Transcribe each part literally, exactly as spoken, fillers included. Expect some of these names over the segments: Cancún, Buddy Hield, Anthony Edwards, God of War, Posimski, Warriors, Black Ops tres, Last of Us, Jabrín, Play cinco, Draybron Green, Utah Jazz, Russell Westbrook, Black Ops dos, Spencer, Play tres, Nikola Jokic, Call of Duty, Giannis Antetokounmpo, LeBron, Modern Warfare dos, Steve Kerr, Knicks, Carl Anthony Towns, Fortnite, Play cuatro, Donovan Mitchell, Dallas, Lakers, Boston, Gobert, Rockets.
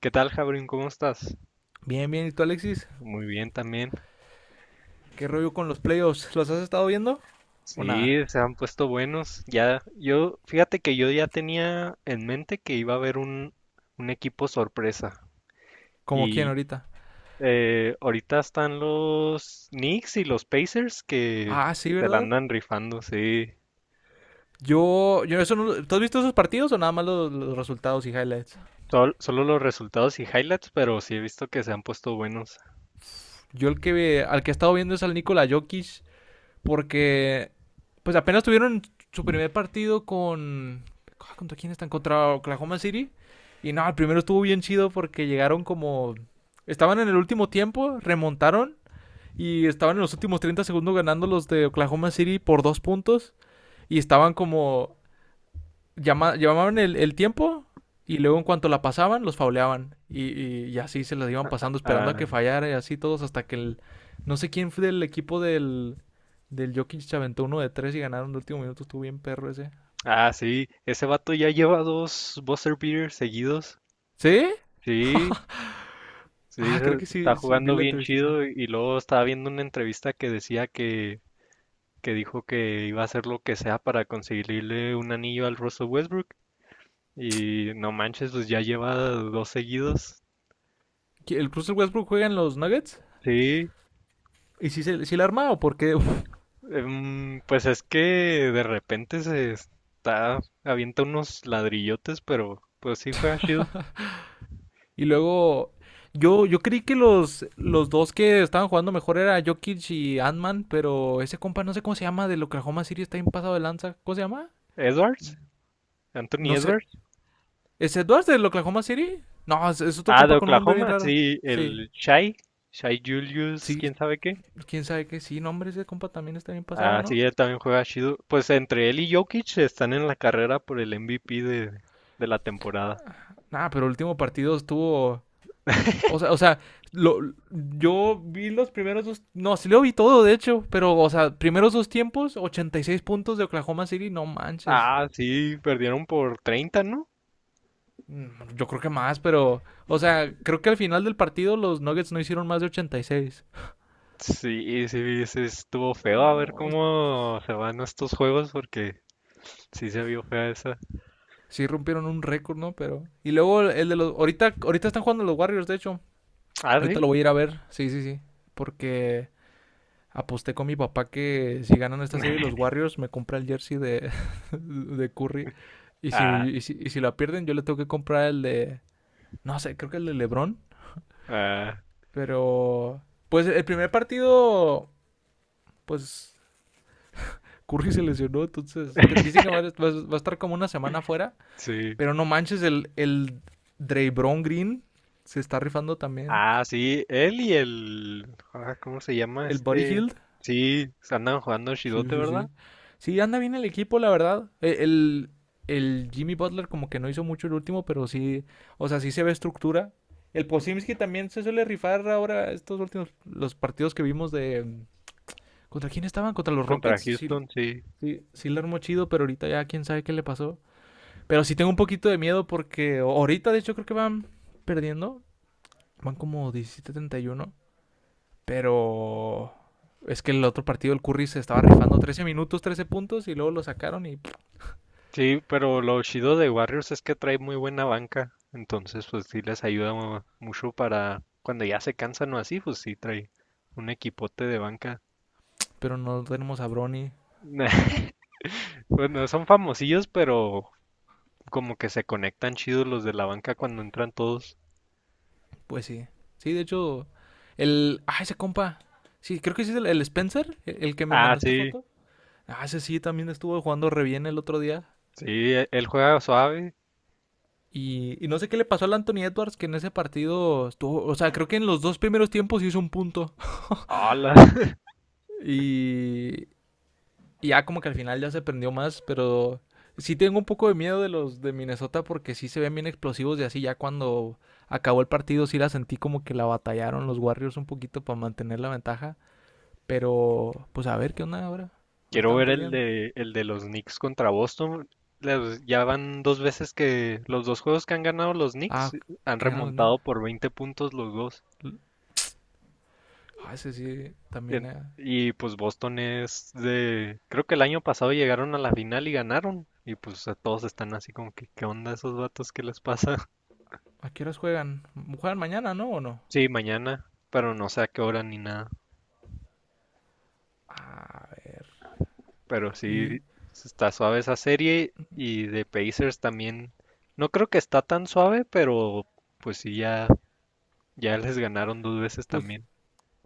¿Qué tal, Jabrín? ¿Cómo estás? Bien, bien. ¿Y tú, Alexis? Muy bien también. ¿Qué rollo con los playoffs? ¿Los has estado viendo o Sí, nada? se han puesto buenos. Ya, yo, fíjate que yo ya tenía en mente que iba a haber un, un equipo sorpresa. ¿Como quién Y ahorita? eh, ahorita están los Knicks y los Pacers que Ah, sí, se la ¿verdad? andan rifando, sí. Yo, yo eso no. ¿Tú has visto esos partidos o nada más los, los resultados y highlights? Sol- solo los resultados y highlights, pero sí he visto que se han puesto buenos. Yo el que ve, al que he estado viendo es al Nikola Jokic, porque pues apenas tuvieron su primer partido con, ah, ¿contra quién están? Contra Oklahoma City. Y no, el primero estuvo bien chido porque llegaron como, estaban en el último tiempo, remontaron. Y estaban en los últimos treinta segundos ganando los de Oklahoma City por dos puntos. Y estaban como. Llama, llamaban el, el tiempo. Y luego, en cuanto la pasaban, los fauleaban. Y, y, y así se las iban pasando, esperando a Ah, que fallara. Y así todos, hasta que el. No sé quién fue del equipo del. Del Jokic se aventó uno de tres y ganaron el último minuto. Estuvo bien perro ese. ah, sí, ese vato ya lleva dos buzzer beaters seguidos. ¿Sí? Sí, sí, Ah, creo se- que está sí. Sí, vi jugando la bien entrevistilla. chido y y luego estaba viendo una entrevista que decía que, que dijo que iba a hacer lo que sea para conseguirle un anillo al Russell Westbrook y no manches, pues ya lleva dos seguidos. ¿El Russell Westbrook juega en los Nuggets? Sí, ¿Y si, se, si la arma, o por qué? em, pues es que de repente se está, avienta unos ladrillotes, pero pues sí juega chido. Y luego, yo, yo creí que los, los dos que estaban jugando mejor era Jokic y Ant-Man, pero ese compa no sé cómo se llama, del Oklahoma City, está bien pasado de lanza. ¿Cómo se llama? Edwards, Anthony No sé. Edwards. ¿Es Edwards del Oklahoma City? No, es, es otro Ah, de compa con un nombre bien Oklahoma, raro. sí, Sí, el Shai, Shai Julius, sí, quién sabe qué. quién sabe qué. Sí, nombre, ese compa también está bien pasado, Ah, sí, ¿no? él también juega chido. Pues entre él y Jokic están en la carrera por el M V P de, de la temporada. Nah, pero el último partido estuvo. O sea, o sea, lo, yo vi los primeros dos. No, sí lo vi todo, de hecho. Pero, o sea, primeros dos tiempos, ochenta y seis puntos de Oklahoma City, no manches. Ah, sí, perdieron por treinta, ¿no? Mm, yo creo que más, pero, o sea, creo que al final del partido los Nuggets no hicieron más de ochenta y seis. Sí, sí, sí, estuvo feo. A ver No, cómo se van estos juegos porque sí se vio fea esa. sí rompieron un récord, ¿no? Pero y luego el de los, ahorita ahorita están jugando los Warriors, de hecho. Ah, Ahorita sí. lo voy a ir a ver. Sí, sí, sí, porque aposté con mi papá que si ganan esta serie los Warriors me compra el jersey de de Curry, y si Ah, y si, y si la pierden yo le tengo que comprar el de, no sé, creo que el de LeBron, ah, pero pues el primer partido, pues Curry se lesionó, entonces que- dicen que va, a- va va a estar como una semana afuera, sí. pero no manches, el, el Draybron Green se está rifando también. Ah, sí, él y el... ah, ¿cómo se llama El Buddy este? Hield. Sí, andan jugando Sí, chidote, sí, ¿verdad? sí. Sí, anda bien el equipo, la verdad. E- El, el Jimmy Butler como que no hizo mucho el último, pero sí, o sea, sí se ve estructura. El Posimski también se suele rifar ahora estos últimos, los partidos que vimos de... ¿Contra quién estaban? ¿Contra los Contra Rockets? Sí, Houston, sí. sí, sí le armó chido, pero ahorita ya quién sabe qué le pasó. Pero sí tengo un poquito de miedo porque ahorita, de hecho, creo que van perdiendo. Van como diecisiete a treinta y uno. Pero es que el otro partido, el Curry, se estaba rifando trece minutos, trece puntos y luego lo sacaron. Y Sí, pero lo chido de Warriors es que trae muy buena banca, entonces pues sí les ayuda mu- mucho para cuando ya se cansan o así, pues sí trae un equipote de banca. pero no tenemos a Brony. Bueno, son famosillos, pero como que se conectan chidos los de la banca cuando entran todos. Pues sí. Sí, de hecho, el. Ah, ese compa. Sí, creo que sí es el, el Spencer, el, el que me Ah, mandaste sí, foto. Ah, ese sí también estuvo jugando re bien el otro día. sí, e- él juega suave. Y, y no sé qué le pasó al Anthony Edwards, que en ese partido estuvo. O sea, creo que en los dos primeros tiempos hizo un punto. Hola, Y, y ya como que al final ya se prendió más, pero sí tengo un poco de miedo de los de Minnesota porque sí se ven bien explosivos y así, ya cuando acabó el partido sí la sentí como que la batallaron los Warriors un poquito para mantener la ventaja. Pero pues a ver qué onda ahora. Ahorita quiero van ver el perdiendo. de el de los Knicks contra Boston. Les- ya van dos veces que los dos juegos que han ganado los Knicks Ah, han qué ganan los Knicks. remontado por veinte puntos los dos. Ah, ese sí también. En- Eh, y pues Boston es de, creo que el año pasado llegaron a la final y ganaron. Y pues a todos están así como que, ¿qué onda esos vatos? ¿Qué les pasa? ¿a qué horas juegan? Juegan mañana, ¿no? ¿O no? Sí, mañana, pero no sé a qué hora ni nada. A ver. Pero Y sí, está suave esa serie y de Pacers también. No creo que está tan suave, pero pues sí, ya, ya les ganaron dos veces pues también.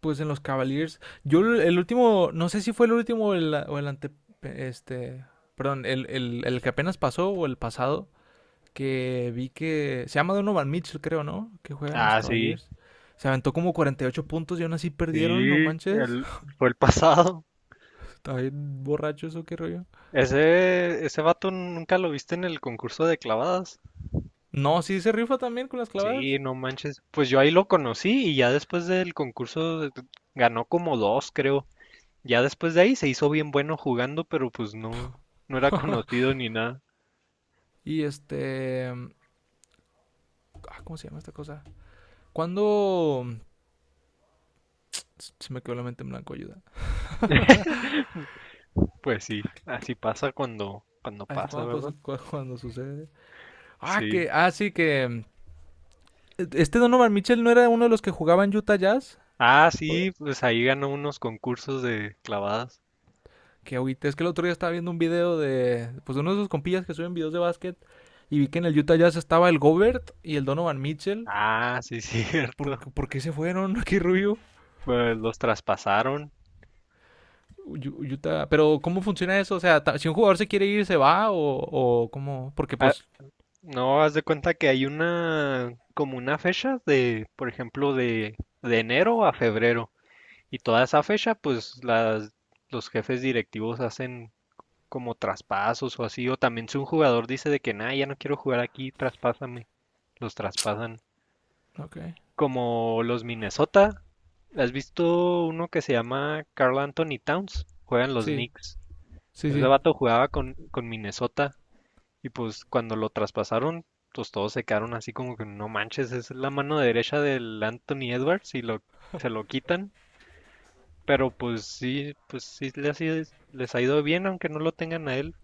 pues en los Cavaliers. Yo el el último, no sé si fue el último o el, o el ante, este, perdón, el, el, el que apenas pasó o el pasado, que vi que se llama Donovan Mitchell, creo, ¿no? Que juega en los Ah, sí, Cavaliers. Se aventó como cuarenta y ocho puntos y aún así perdieron, no sí, manches. el, fue el pasado. Está bien borracho eso, qué rollo. Ese, ese vato nunca lo viste en el concurso de clavadas. No, sí se rifa también con las clavadas. Sí, no manches. Pues yo ahí lo conocí y ya después del concurso ganó como dos, creo. Ya después de ahí se hizo bien bueno jugando, pero pues no, no era conocido ni nada. Y este, ah, ¿cómo se llama esta cosa? ¿Cuándo? Se me quedó la mente en blanco, ayuda. Pues sí, así pasa cuando, cuando Así pasa, cuando pasa, ¿verdad? cu- cuando sucede. Ah, Sí. que, ah, sí, que este Donovan Mitchell no era uno de los que jugaba en Utah Jazz. Ah, sí, pues ahí ganó unos concursos de clavadas. Que ahorita es que el otro día estaba viendo un video de, pues, de uno de esos compillas que suben videos de básquet y vi que en el Utah Jazz estaba el Gobert y el Donovan Mitchell. Ah, sí, ¿Por, cierto. por qué se fueron? Qué rubio. Pues los traspasaron. Utah, pero ¿cómo funciona eso? O sea, si un jugador se quiere ir, ¿se va? ¿O, o cómo? Porque Ah, pues, no, haz de cuenta que hay una, como una fecha de, por ejemplo, de, de enero a febrero. Y toda esa fecha, pues las, los jefes directivos hacen como traspasos o así, o también si un jugador dice de que, nada, ya no quiero jugar aquí, traspásame, los traspasan. ok. Como los Minnesota, ¿has visto uno que se llama Carl Anthony Towns? Juegan los Sí, Knicks. sí, Ese sí. vato jugaba con, con Minnesota y pues cuando lo traspasaron, pues todos se quedaron así como que no manches, es la mano derecha del Anthony Edwards y lo, se lo quitan. Pero pues sí, pues sí les, ha ido- les ha ido bien, aunque no lo tengan a él.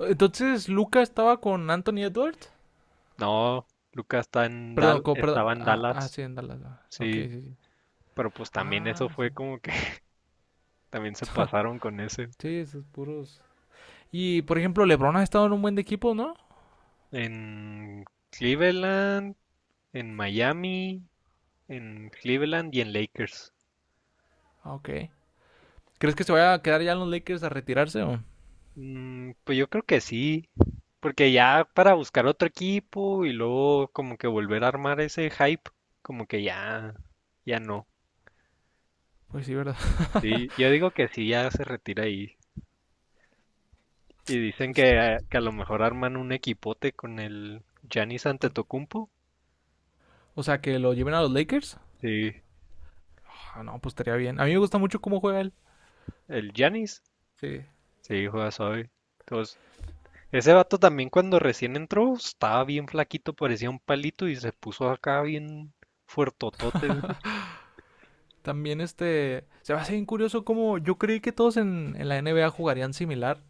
Entonces, Luca estaba con Anthony Edwards. No, Lucas está en Perdón, Dal, co- perdón. estaba en Ah, ah, Dallas, sí, en Dallas. Ah, ok, sí, sí, sí. pero pues también eso Ah, fue sí. como que también se pasaron con ese. Sí, esos puros. Y por ejemplo, LeBron ha estado en un buen de equipo, ¿no? En Cleveland, en Miami, en Cleveland y en Lakers. Ah, ok. ¿Crees que se vaya a quedar ya en los Lakers a retirarse, o? Mm, pues yo creo que sí, porque ya para buscar otro equipo y luego como que volver a armar ese hype, como que ya, ya no. Pues sí, ¿verdad? Sí, yo digo que sí, ya se retira ahí. Y dicen Pues, que, que a lo mejor arman un equipote con el Giannis con- Antetokounmpo. o sea, que lo lleven a los Lakers. Sí, Ah, no, pues estaría bien. A mí me gusta mucho cómo juega él. el Giannis. Sí. Sí, juega suave. Entonces, ese vato también cuando recién entró estaba bien flaquito, parecía un palito y se puso acá bien fuertotote. También este. Se va a hacer bien curioso cómo. Yo creí que todos en, en la N B A jugarían similar.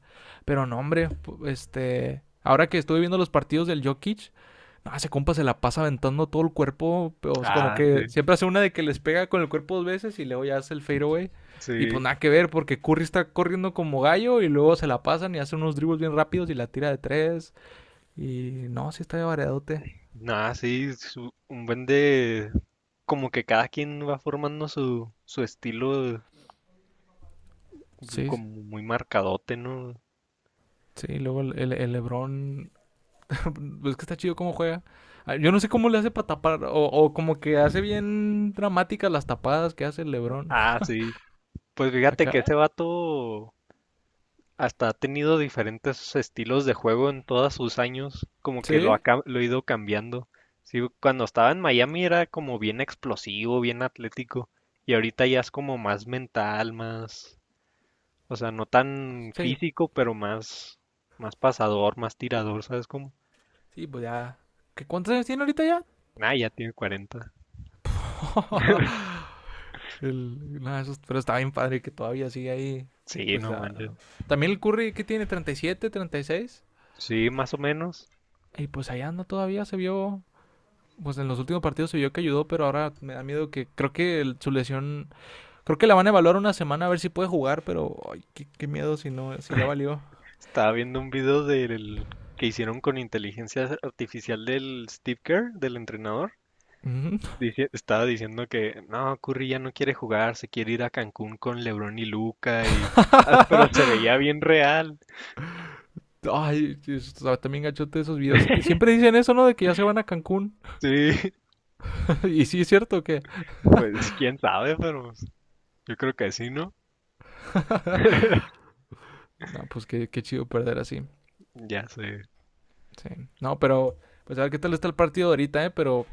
Pero no, hombre. Pu- este. Ahora que estuve viendo los partidos del Jokic. No, ese compa se la pasa aventando todo el cuerpo. Pero, o sea, como Ah, que sí, siempre hace una de que les pega con el cuerpo dos veces y luego ya hace el fadeaway. Y pues sí. nada que ver, porque Curry está corriendo como gallo y luego se la pasan y hace unos dribbles bien rápidos y la tira de tres. Y no, sí está de variadote. Nada, sí, su- un buen de... Como que cada quien va formando su, su estilo Sí, como muy marcadote, ¿no? sí. Y luego el, el, el Lebron. Es que está chido cómo juega. Yo no sé cómo le hace para tapar. O, o como que hace bien dramáticas las tapadas que hace el Lebron. Ah, sí. Pues fíjate que Acá. ese vato hasta ha tenido diferentes estilos de juego en todos sus años, como que lo ¿Sí? ha, cam- lo ha ido cambiando. Sí, cuando estaba en Miami era como bien explosivo, bien atlético, y ahorita ya es como más mental, más, o sea, no tan Sí. físico, pero más, más pasador, más tirador, ¿sabes cómo? Sí, pues ya. ¿Qué, ¿Cuántos años tiene ahorita ya? Ah, ya tiene cuarenta. El- no, eso- pero está bien padre que todavía sigue ahí. Sí, Pues no manches. ah, también el Curry que tiene treinta y siete, treinta y seis, Sí, más o menos. y pues ahí anda todavía, se vio. Pues en los últimos partidos se vio que ayudó, pero ahora me da miedo que creo que el- su lesión. Creo que la van a evaluar una semana a ver si puede jugar, pero ay, qué, qué miedo si no, si ya valió. Estaba viendo un video del que hicieron con inteligencia artificial del Steve Kerr, del entrenador. Dici- estaba diciendo que no, Curry ya no quiere jugar, se quiere ir a Cancún con LeBron y Luca y ah, pero se veía bien real. Ay, también gachote esos videos. Siempre dicen eso, ¿no? De que ya se van a Cancún. Sí, Y sí, es cierto que. pues quién sabe, pero pues, yo creo que sí, ¿no? No, pues qué, qué chido perder así. Ya se Sí. No, pero pues a ver qué tal está el partido ahorita, ¿eh? Pero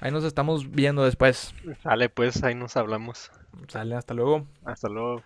ahí nos estamos viendo después. sale, pues ahí nos hablamos. Sale, hasta luego. Hasta luego.